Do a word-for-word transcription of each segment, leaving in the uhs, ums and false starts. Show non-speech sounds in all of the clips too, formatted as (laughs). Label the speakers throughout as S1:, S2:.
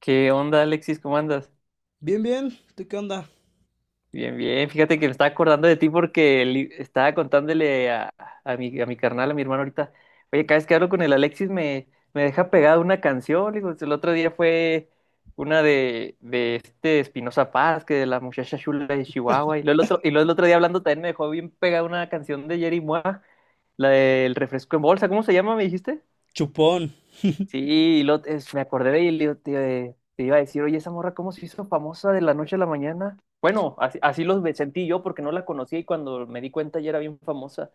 S1: ¿Qué onda, Alexis? ¿Cómo andas?
S2: Bien, bien. ¿Tú qué onda?
S1: Bien, bien. Fíjate que me estaba acordando de ti porque li- estaba contándole a, a mi, a mi carnal, a mi hermano ahorita. Oye, cada vez que hablo con el Alexis me, me deja pegada una canción. Le digo, el otro día fue una de, de este Espinoza Paz, que de la muchacha chula de Chihuahua. Y luego el otro, y luego el otro día hablando también me dejó bien pegada una canción de Jerry Mua, la del refresco en bolsa. ¿Cómo se llama, me dijiste?
S2: Chupón.
S1: Sí, y lo, es- me acordé de él, y te, te iba a decir, oye, esa morra, ¿cómo se hizo famosa de la noche a la mañana? Bueno, así, así los ve- sentí yo porque no la conocía y cuando me di cuenta ya era bien famosa.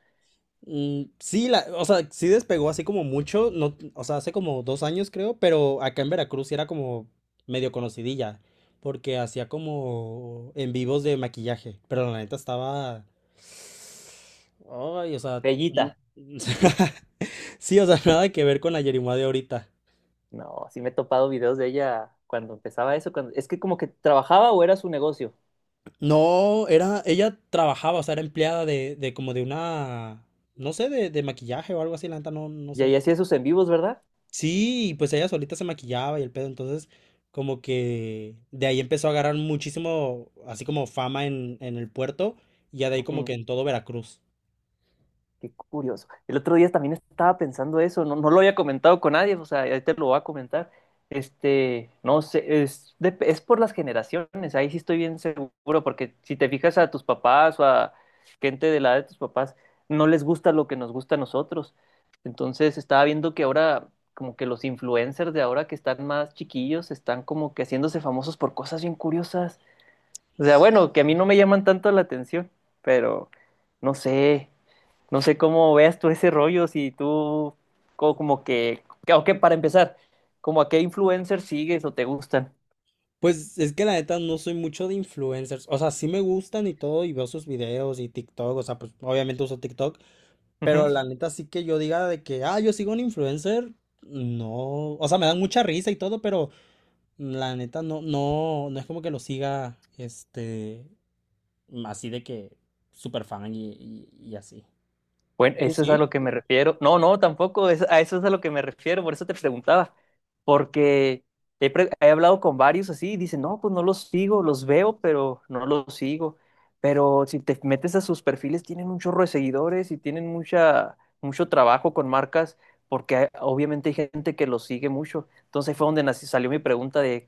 S2: Mm, sí, la, o sea, sí despegó así como mucho, no, o sea, hace como dos años creo, pero acá en Veracruz sí era como medio conocidilla, porque hacía como en vivos de maquillaje, pero la neta estaba. Ay, o sea, no-
S1: Bellita.
S2: (laughs) Sí, o sea, nada que ver con la Yerimua de ahorita.
S1: No, sí me he topado videos de ella cuando empezaba eso. Cuando, es que como que trabajaba o era su negocio.
S2: No, era, ella trabajaba, o sea, era empleada de, de como de una, no sé, de, de maquillaje o algo así, la neta, no, no
S1: Y ahí
S2: sé.
S1: hacía sus en vivos, ¿verdad?
S2: Sí, y pues ella solita se maquillaba y el pedo, entonces como que de ahí empezó a agarrar muchísimo, así como fama en, en el puerto y ya de ahí como
S1: Ujú.
S2: que en todo Veracruz.
S1: Qué curioso. El otro día también estaba pensando eso, no, no lo había comentado con nadie, o sea, ahí te lo voy a comentar. Este, no sé, es, de- es por las generaciones, ahí sí estoy bien seguro, porque si te fijas a tus papás o a gente de la edad de tus papás, no les gusta lo que nos gusta a nosotros. Entonces estaba viendo que ahora, como que los influencers de ahora que están más chiquillos, están como que haciéndose famosos por cosas bien curiosas. O sea, bueno, que a mí no me llaman tanto la atención, pero no sé. No sé cómo veas tú ese rollo, si tú co- como que, que- o que para empezar, como a qué influencers sigues o te gustan.
S2: Pues es que la neta no soy mucho de influencers, o sea, sí me gustan y todo y veo sus videos y TikTok, o sea, pues obviamente uso TikTok, pero la neta sí que yo diga de que, ah, yo sigo a un influencer, no, o sea, me dan mucha risa y todo, pero la neta no, no, no es como que lo siga, este, así de que súper fan y, y- y así.
S1: Bueno,
S2: Yo
S1: eso es a
S2: sí.
S1: lo que me refiero. No, no, tampoco, es- a eso es a lo que me refiero, por eso te preguntaba, porque he, pre- he hablado con varios así y dicen, no, pues no los sigo, los veo, pero no los sigo. Pero si te metes a sus perfiles, tienen un chorro de seguidores y tienen mucha, mucho trabajo con marcas, porque hay- obviamente hay gente que los sigue mucho. Entonces ahí fue donde nació- salió mi pregunta de,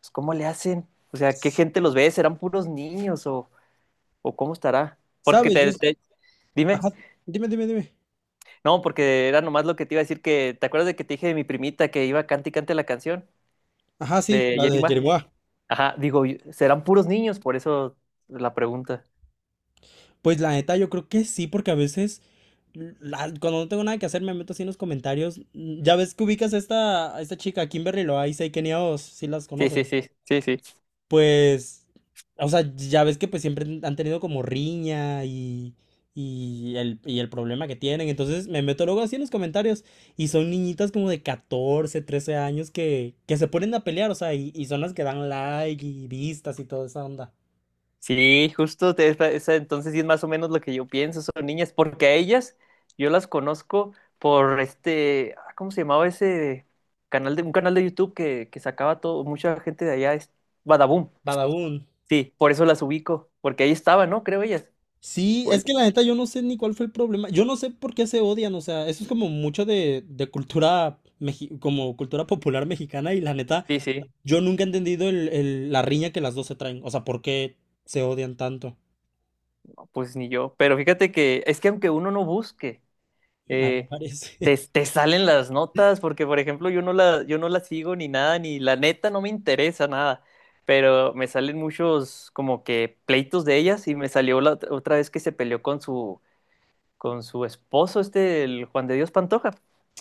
S1: pues, ¿cómo le hacen? O sea, ¿qué gente los ve? ¿Serán puros niños o, o cómo estará? Porque
S2: ¿Sabes? Yo,
S1: te,
S2: sí.
S1: te- dime.
S2: ajá, Dime, dime, dime.
S1: No, porque era nomás lo que te iba a decir que, ¿te acuerdas de que te dije de mi primita que iba cante y cante la canción
S2: Ajá, sí,
S1: de
S2: la de
S1: Yerima?
S2: Jerimoa.
S1: Ajá, digo, serán puros niños, por eso la pregunta.
S2: Pues la neta, yo creo que sí, porque a veces, la- cuando no tengo nada que hacer, me meto así en los comentarios. Mm, Ya ves que ubicas a esta, a esta chica, Kimberly Loaiza y Kenia Os, si las
S1: Sí,
S2: conoces.
S1: sí, sí, sí, sí.
S2: Pues, o sea, ya ves que pues siempre han tenido como riña y, y el, y el problema que tienen. Entonces me meto luego así en los comentarios y son niñitas como de catorce, trece años que, que se ponen a pelear, o sea, y, y son las que dan like y vistas y toda esa onda.
S1: Sí, justo, te- esa- esa- entonces sí es más o menos lo que yo pienso, son niñas, porque a ellas yo las conozco por este, ah, ¿cómo se llamaba ese canal de, un canal de YouTube que, que sacaba todo, mucha gente de allá, es Badaboom.
S2: Badaún.
S1: Sí, por eso las ubico, porque ahí estaba, ¿no? Creo ellas.
S2: Sí,
S1: O
S2: es que
S1: él.
S2: la neta yo no sé ni cuál fue el problema. Yo no sé por qué se odian, o sea, eso es como mucho de, de cultura, meji- como cultura popular mexicana y la neta.
S1: Sí, sí.
S2: Yo nunca he entendido el- el- la riña que las dos se traen. O sea, ¿por qué se odian tanto?
S1: Pues ni yo, pero fíjate que es que aunque uno no busque,
S2: Ahí
S1: eh,
S2: aparece.
S1: te,
S2: (laughs)
S1: te salen las notas, porque por ejemplo yo no la, yo no la sigo ni nada, ni la neta no me interesa nada, pero me salen muchos como que pleitos de ellas y me salió la ot- otra vez que se peleó con su, con su esposo, este, el Juan de Dios Pantoja.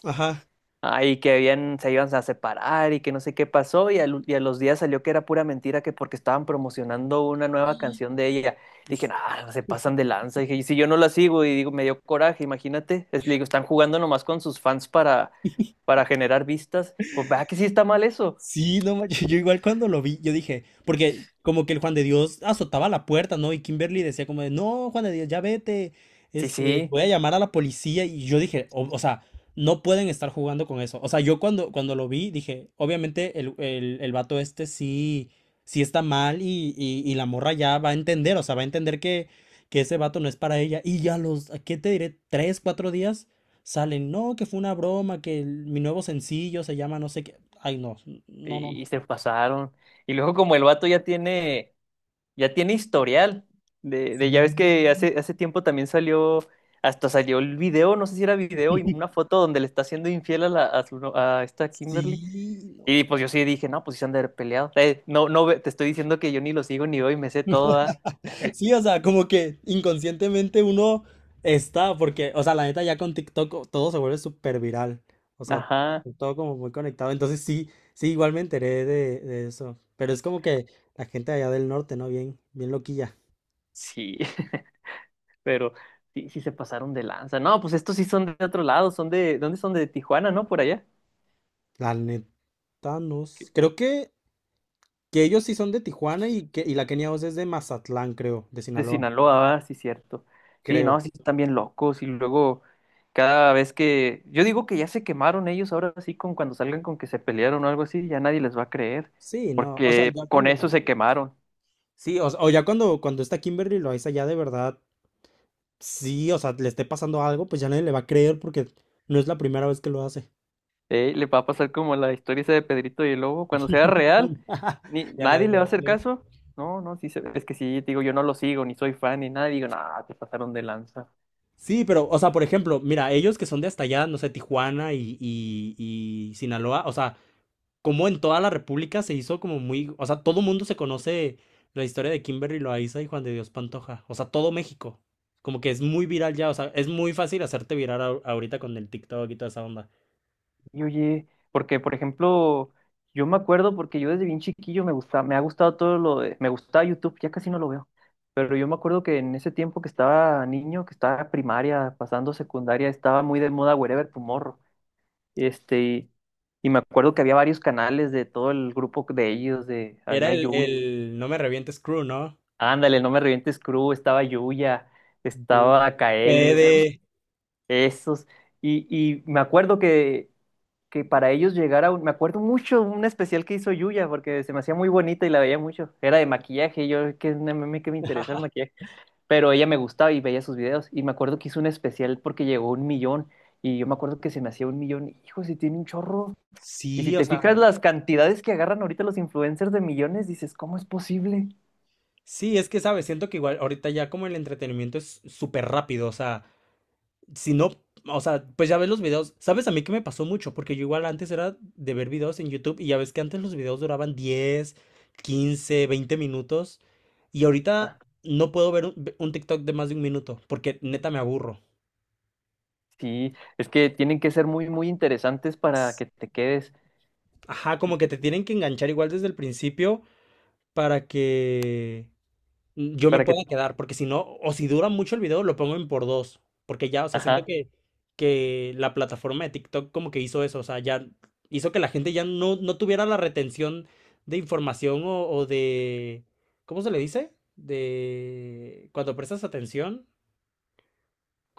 S2: Ajá.
S1: Ay, que habían, se iban a separar y que no sé qué pasó y, al- y a los días salió que era pura mentira, que porque estaban promocionando una nueva canción de ella. Dije, ah, se pasan de lanza. Dije, y si yo no la sigo y digo, me dio coraje, imagínate. Es- le digo, están jugando nomás con sus fans para,
S2: (laughs)
S1: para generar vistas. Pues vea que sí está mal eso.
S2: Sí, no manches, yo igual cuando lo vi, yo dije, porque como que el Juan de Dios azotaba la puerta, ¿no? Y Kimberly decía como de, no, Juan de Dios, ya vete,
S1: Sí,
S2: este,
S1: sí,
S2: voy a llamar a la policía. Y yo dije, o, o sea, no pueden estar jugando con eso. O sea, yo cuando, cuando lo vi, dije, obviamente el, el, el vato este sí, sí está mal y, y, y la morra ya va a entender, o sea, va a entender que, que ese vato no es para ella. Y ya los, ¿a ¿qué te diré? Tres, cuatro días salen, no, que fue una broma, que el- mi nuevo sencillo se llama no sé qué. Ay, no, no,
S1: y, y
S2: no.
S1: se pasaron. Y luego como el vato ya tiene... ya tiene historial. De, de- ya ves que
S2: Sí,
S1: hace, hace tiempo también salió, hasta salió el video, no sé si era video, y una
S2: (laughs)
S1: foto donde le está haciendo infiel a, la, a, su no- a esta Kimberly.
S2: sí.
S1: Y
S2: No.
S1: pues yo sí dije, no, pues sí se han de haber peleado. Eh, no, no, ve- te estoy diciendo que yo ni lo sigo ni veo y me sé toda.
S2: Sí, o sea, como que inconscientemente uno está, porque, o sea, la neta ya con TikTok o- todo se vuelve súper viral. O sea,
S1: Ajá,
S2: todo como muy conectado. Entonces sí, sí, igual me enteré de, de eso. Pero es como que la gente allá del norte, ¿no? Bien, bien loquilla.
S1: sí, (laughs) pero sí, sí se pasaron de lanza. No, pues estos sí son de otro lado, son de, ¿dónde son? De Tijuana, ¿no? Por allá.
S2: La neta, no. s- Creo que, que ellos sí son de Tijuana y que y la Kenia Oz es de Mazatlán, creo, de
S1: De
S2: Sinaloa.
S1: Sinaloa, ah, sí, cierto. Sí, no,
S2: Creo.
S1: sí, están bien locos. Y luego, cada vez que. Yo digo que ya se quemaron ellos ahora sí, con cuando salgan con que se pelearon o algo así, ya nadie les va a creer.
S2: Sí, no. O sea,
S1: Porque
S2: ya
S1: con
S2: cuando.
S1: eso se quemaron.
S2: Sí, o, s- o ya cuando, cuando está Kimberly Loaiza ya de verdad, sí, o sea, le esté pasando algo, pues ya nadie le va a creer porque no es la primera vez que lo hace.
S1: Eh, le va a pasar como la historia esa de Pedrito y el Lobo. Cuando sea
S2: (laughs)
S1: real, ni,
S2: Ya nadie
S1: nadie le
S2: le
S1: va a
S2: va a
S1: hacer
S2: creer.
S1: caso. No, no, sí, se- es que sí, digo, yo no lo sigo, ni soy fan, ni nada. Digo, nada, te pasaron de lanza.
S2: Sí, pero, o sea, por ejemplo, mira, ellos que son de hasta allá, no sé, Tijuana y, y, y Sinaloa, o sea, como en toda la República se hizo como muy, o sea, todo mundo se conoce la historia de Kimberly Loaiza y Juan de Dios Pantoja, o sea, todo México, como que es muy viral ya, o sea, es muy fácil hacerte viral ahor- ahorita con el TikTok y toda esa onda.
S1: Y oye, porque por ejemplo, yo me acuerdo porque yo desde bien chiquillo me gusta, me ha gustado todo lo de, me gustaba YouTube, ya casi no lo veo, pero yo me acuerdo que en ese tiempo que estaba niño, que estaba en primaria, pasando secundaria, estaba muy de moda Wherever Tomorrow, este, y, y me acuerdo que había varios canales de todo el grupo de ellos, de,
S2: Era
S1: había
S2: el,
S1: Yuya,
S2: el No me revientes crew, ¿no?
S1: ándale, no me revientes crew, estaba Yuya,
S2: You
S1: estaba Kaeli, o sea,
S2: Fede.
S1: esos, y, y me acuerdo que que para ellos llegara un, me acuerdo mucho un especial que hizo Yuya porque se me hacía muy bonita y la veía mucho. Era de maquillaje, y yo que no me que me interesa el maquillaje, pero ella me gustaba y veía sus videos y me acuerdo que hizo un especial porque llegó a un millón, y yo me acuerdo que se me hacía un millón, hijo, si tiene un chorro. Y si
S2: Sí, o
S1: te
S2: sea,
S1: fijas las cantidades que agarran ahorita los influencers de millones, dices, ¿cómo es posible?
S2: sí, es que sabes, siento que igual ahorita ya como el entretenimiento es súper rápido, o sea, si no, o sea, pues ya ves los videos, sabes a mí que me pasó mucho, porque yo igual antes era de ver videos en YouTube y ya ves que antes los videos duraban diez, quince, veinte minutos y
S1: Ah,
S2: ahorita no puedo ver un, un, TikTok de más de un minuto, porque neta me aburro.
S1: sí, es que tienen que ser muy muy interesantes para que te quedes,
S2: Ajá, como que te tienen que enganchar igual desde el principio para que mm, yo me
S1: para que,
S2: pueda quedar, porque si no, o si dura mucho el video, lo pongo en por dos, porque ya, o sea, siento
S1: ajá.
S2: que, que, la plataforma de TikTok como que hizo eso, o sea, ya hizo que la gente ya no, no tuviera la retención de información o, o de, ¿cómo se le dice? De cuando prestas atención,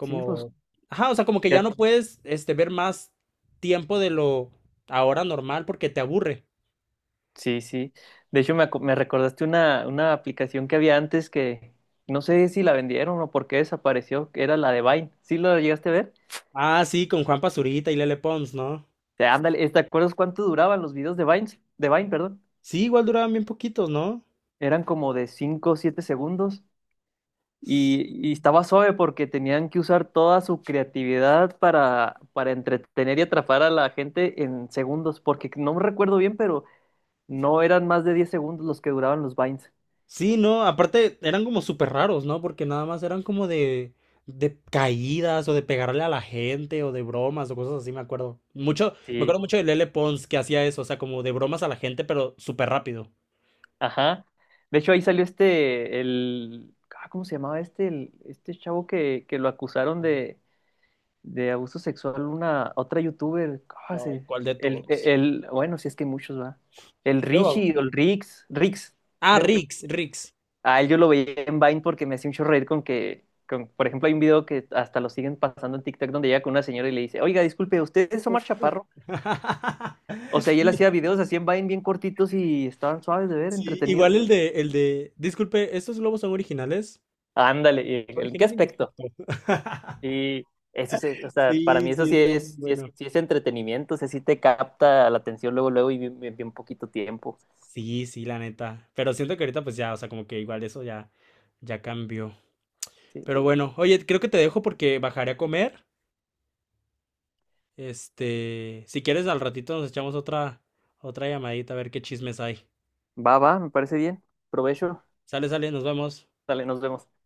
S1: Sí, pues
S2: ajá, o sea, como que ya
S1: ya-
S2: no puedes, este, ver más tiempo de lo ahora normal porque te aburre.
S1: Sí, sí. De hecho, me, acu- me recordaste una, una aplicación que había antes que no sé si la vendieron o por qué desapareció, que era la de Vine. ¿Sí lo llegaste a ver?
S2: Ah, sí, con Juan Pazurita y Lele Pons, ¿no?
S1: O ándale, ¿te acuerdas cuánto duraban los videos de Vine? De Vine, perdón.
S2: Sí, igual duraban bien poquitos, ¿no?
S1: Eran como de cinco o siete segundos y, y estaba suave porque tenían que usar toda su creatividad para, para entretener y atrapar a la gente en segundos, porque no me recuerdo bien, pero no eran más de diez segundos los que duraban los Vines.
S2: Sí, no, aparte eran como súper raros, ¿no? Porque nada más eran como de, de caídas o de pegarle a la gente o de bromas o cosas así, me acuerdo. Mucho, me
S1: Sí,
S2: acuerdo mucho de Lele Pons que hacía eso, o sea, como de bromas a la gente, pero súper rápido.
S1: ajá. De hecho, ahí salió este, el, ah, ¿cómo se llamaba este? El- este chavo que, que lo acusaron de, de abuso sexual, una, otra youtuber, ¿cómo
S2: Ay,
S1: se?
S2: ¿cuál de
S1: El,
S2: todos?
S1: el, bueno, si es que hay muchos, va. El
S2: Mario Bau-
S1: Richie, o el Rix, Rix,
S2: Ah,
S1: creo.
S2: Rix, Rix.
S1: A él yo lo veía en Vine porque me hacía un chorro reír con que, con, por ejemplo, hay un video que hasta lo siguen pasando en TikTok donde llega con una señora y le dice, oiga, disculpe, ¿usted es Omar Chaparro?
S2: (laughs)
S1: O sea, y él
S2: Sí,
S1: hacía videos así en Vine bien cortitos y estaban suaves de ver,
S2: sí, igual
S1: entretenidos.
S2: el de, el de, disculpe, ¿estos globos son originales?
S1: Ándale, ¿y en qué
S2: Original y
S1: aspecto?
S2: defecto. (laughs)
S1: Sí, eso sí, es- o sea, para mí
S2: Sí,
S1: eso
S2: sí,
S1: sí
S2: está bien
S1: es, sí
S2: bueno.
S1: es, sí es entretenimiento, o sea, sí te capta la atención luego, luego y bien, bien- bien poquito tiempo.
S2: Sí, sí, la neta. Pero siento que ahorita pues ya, o sea, como que igual eso ya, ya cambió.
S1: Sí.
S2: Pero bueno, oye, creo que te dejo porque bajaré a comer. Este, si quieres al ratito nos echamos otra, otra llamadita a ver qué chismes hay.
S1: Va, va, me parece bien. Provecho.
S2: Sale, sale, nos vemos.
S1: Dale, nos vemos.